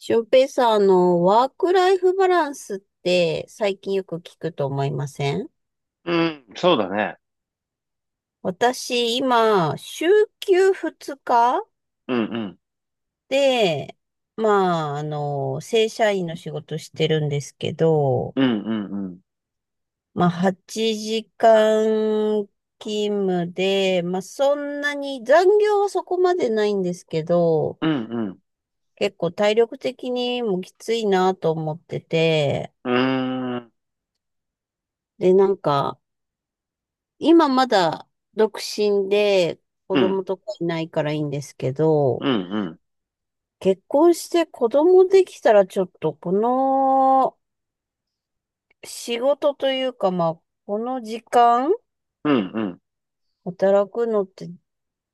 翔平さん、ワークライフバランスって最近よく聞くと思いません？うん、そうだね。私、今、週休2日うんうん、で、まあ、正社員の仕事してるんですけど、うんうんうん、まあ、8時間勤務で、まあ、そんなに残業はそこまでないんですけど、うん結構体力的にもきついなと思ってて、うん、うーん、で、なんか、今まだ独身で子うん、供とかいないからいいんですけうど、んうん、結婚して子供できたらちょっとこの仕事というかまあ、この時間うんうん、働くのって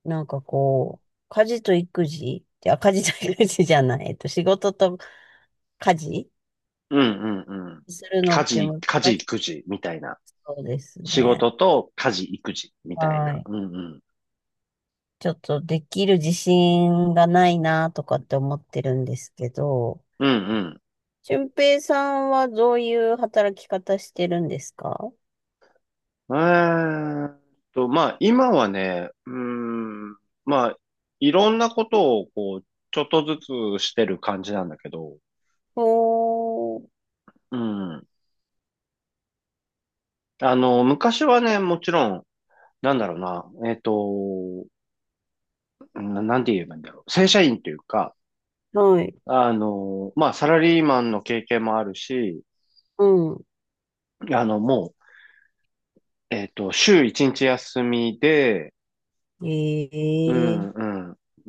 なんかこう、家事と育児、いや、家事と育児じゃない、仕事と家事うんうんうん。するの家って事、難家事、し育児みたいな。そうです仕ね。事と家事、育児みたいはな。い。うんうん、ちょっとできる自信がないなとかって思ってるんですけど、うん俊平さんはどういう働き方してるんですか？うん。まあ今はね、まあいろんなことをこう、ちょっとずつしてる感じなんだけど、おー、うん。あの、昔はね、もちろん、なんだろうな、なんて言えばいいんだろう。正社員というか、はい。あの、まあ、サラリーマンの経験もあるし、うん。あの、もう、週一日休みで、うええ、ん、う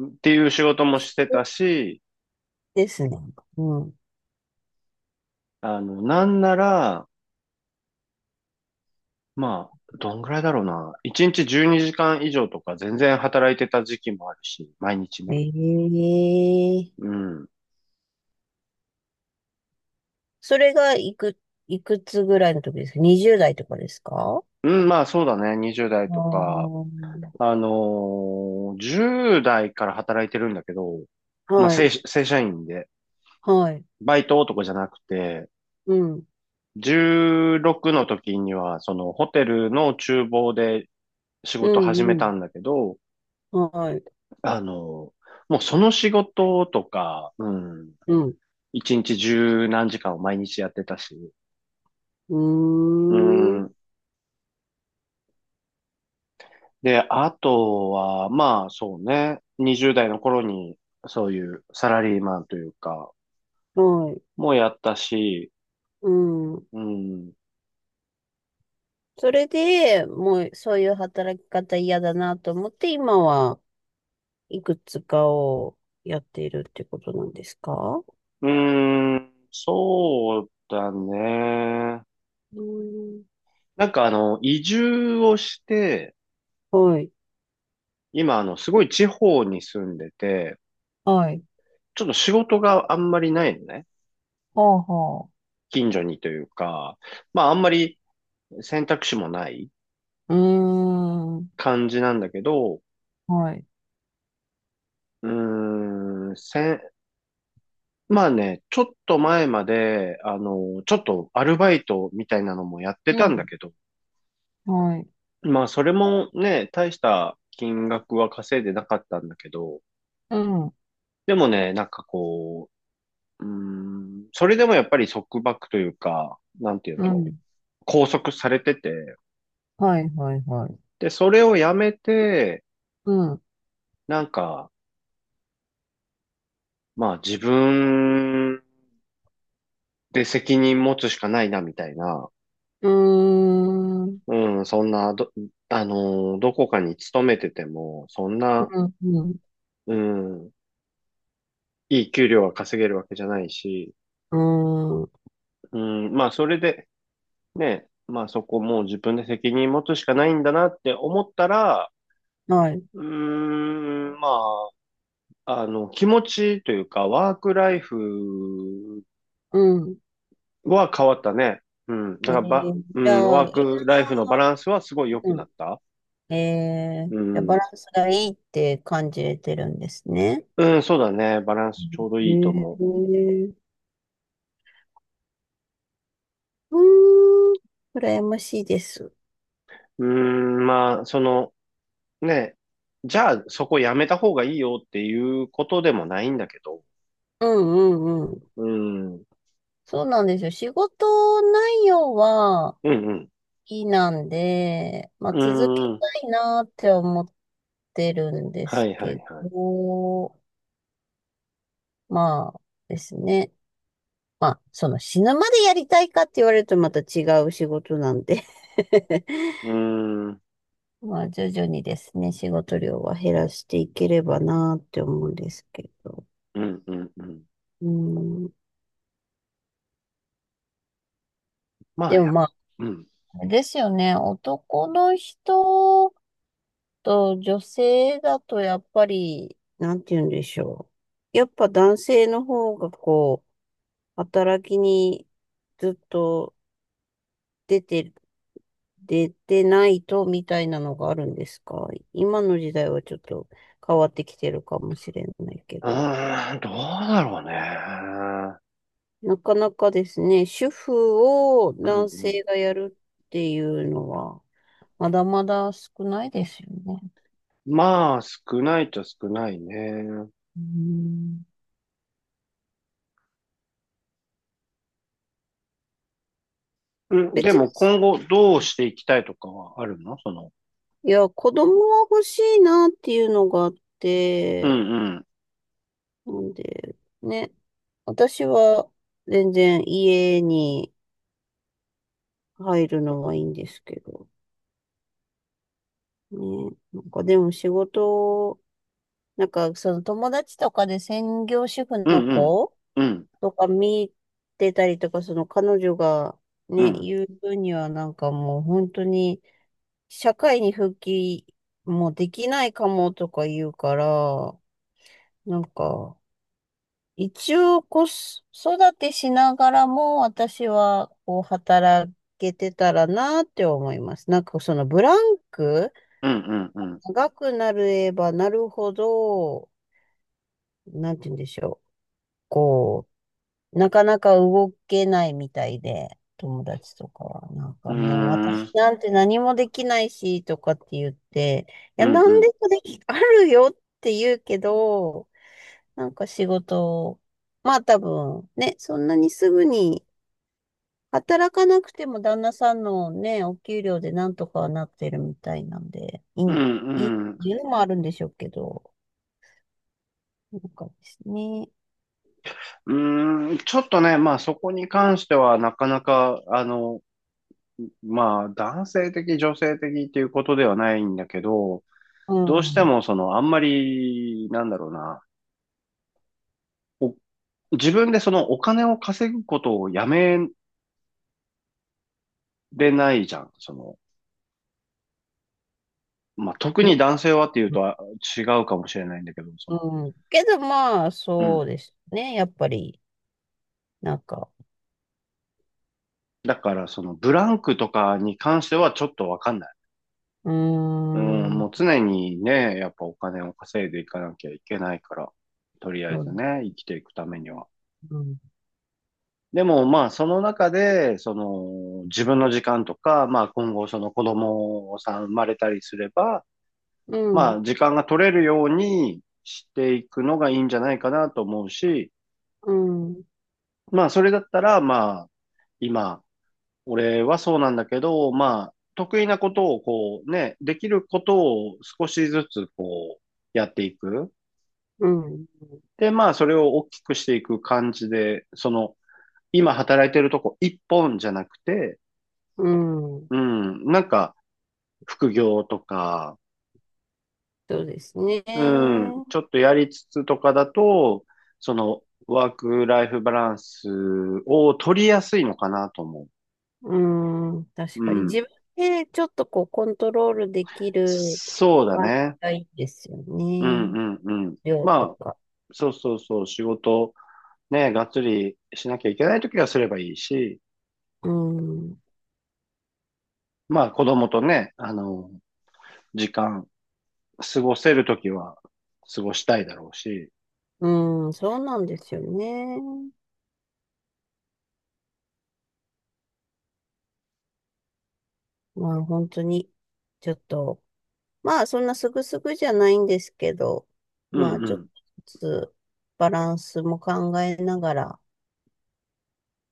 ん、っていう仕事もしてそうたし、ですね。うん。あの、なんなら、まあ、どんぐらいだろうな。一日12時間以上とか全然働いてた時期もあるし、毎日ね。うええ、ん。それがいくつぐらいの時ですか？ 20 代とかですか？うん、まあそうだね。20代あとか、ー、あのー10代から働いてるんだけど、まあはい。正社員で。はい。バイト男じゃなくて、うん。16の時には、そのホテルの厨房で仕う事始めたん。んだけど、うん。はい。あの、もうその仕事とか、うん、うん。1日十何時間を毎日やってたし、ううーん。ん。で、あとは、まあそうね、20代の頃にそういうサラリーマンというか、はい。もやったし、うん。うん、それで、もうそういう働き方嫌だなと思って、今はいくつかをやっているってことなんですか？うーん、そうだね。うーん。なんかあの、移住をして、はい。今あの、すごい地方に住んでて、はい。ちょっと仕事があんまりないのね。はあは近所にというか、まああんまり選択肢もないあ。うーん。感じなんだけど、はい。うーん、せん、まあね、ちょっと前まで、あの、ちょっとアルバイトみたいなのもやってうたんだん。けど、はい。まあそれもね、大した金額は稼いでなかったんだけど、うん。でもね、なんかこう、うーん、それでもやっぱり束縛というか、なんて言うんうだろん。う。拘束されてて、はい、はい、はい。で、それをやめて、うん。なんか、まあ自分で責任持つしかないな、みたいな。うーん。うん、そんな、どこかに勤めてても、そんな、うん。うん。うん、いい給料が稼げるわけじゃないし、うーん。うん、まあそれで、ね、まあそこもう自分で責任持つしかないんだなって思ったら、はい。うーん、まあ、あの、気持ちというか、ワークライフうん。は変わったね。うん。だから、うじん、ゃあ、ワークラ今、イフのバランスはすごい良くうなん、った。ええー、うじゃあバん。ランスがいいって感じれてるんですね。うん、そうだね。バランスちょうどえいいとえ思ー、うーん、羨ましいです。う。うーん、まあ、その、ね、じゃあそこやめた方がいいよっていうことでもないんだけど。うんうんうん。うん。うんそうなんですよ。仕事内容は好うん。きなんで、まあう続けん。たいなって思ってるんではすいはいけはい。ど、まあですね。まあ、その死ぬまでやりたいかって言われるとまた違う仕事なんで うん。うんまあ、徐々にですね、仕事量は減らしていければなーって思うんですけど。うんうん。うん。まあ、でもまあ、うん。あれですよね、男の人と女性だとやっぱり、なんて言うんでしょう。やっぱ男性の方がこう、働きにずっと出て、出てないとみたいなのがあるんですか？今の時代はちょっと変わってきてるかもしれないけうど。ーん、どうだろうね。なかなかですね、主婦をう男ん性がやるっていうのは、まだまだ少ないですよね。まあ、少ないと少ないね。うん、うん、で別に、も今後どうしていきたいとかはあるのその、いや、子供は欲しいなっていうのがあっうんて、うん、なんで、ね、私は全然家に入るのはいいんですけど、ね、なんかでも仕事、なんかその友達とかで専業主婦うのんうん、子うん、とか見てたりとか、その彼女がうね、ん、言う分にはなんかもう本当に社会に復帰もできないかもとか言うから、なんか一応子育てしながらも私はこう働けてたらなって思います。なんかそのブランクうん、うん、うん、長くなればなるほど、なんて言うんでしょう。こうなかなか動けないみたいで、友達とかは、なんうかもう私ん、なんて何もできないし、とかって言って、いや、うん、う何でん、もでき、あるよって言うけど、なんか仕事、まあ多分、ね、そんなにすぐに働かなくても旦那さんのね、お給料でなんとかはなってるみたいなんで、いい、うん、いいってうん、ういうのもあるんでしょうけど、なんかですね、ん、うんちょっとね、まあそこに関してはなかなか、あの、まあ男性的、女性的っていうことではないんだけど、うどうしてん。もその、あんまり、なんだろうな、お自分でそのお金を稼ぐことをやめれないじゃん、その、まあ、特にん男性はっていうとは違うかもしれないんだけど、その、うん。けどまあ、うそうん。ですね。やっぱり、なんか、だから、その、ブランクとかに関してはちょっとわかんない。うーうん、ん、もう常にね、やっぱお金を稼いでいかなきゃいけないから、とりあえそうずですね、生きていくためね。には。うん、でも、まあ、その中で、その、自分の時間とか、まあ、今後、その子供さん生まれたりすれば、うまん、あ、時間が取れるようにしていくのがいいんじゃないかなと思うし、うん、まあ、それだったら、まあ、今、俺はそうなんだけど、まあ、得意なことをこうね、できることを少しずつこうやっていく。うん、で、まあ、それを大きくしていく感じで、その、今働いてるとこ一本じゃなくて、うん、うん、なんか副業とか、そうですね。うん、ちょっとやりつつとかだと、その、ワークライフバランスを取りやすいのかなと思うん、う。確うかにん。自分でちょっとこうコントロールできるそうだ感じね。がいいですようね。んうんうん。量とまあ、か。そうそうそう、仕事、ね、がっつりしなきゃいけないときはすればいいし、うん、まあ子供とね、あの、時間、過ごせるときは過ごしたいだろうし、うん、そうなんですよね。まあ本当に、ちょっとまあ、そんなすぐすぐじゃないんですけど、うまあ、ちょっとんずつバランスも考えながら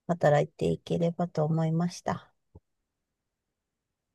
働いていければと思いました。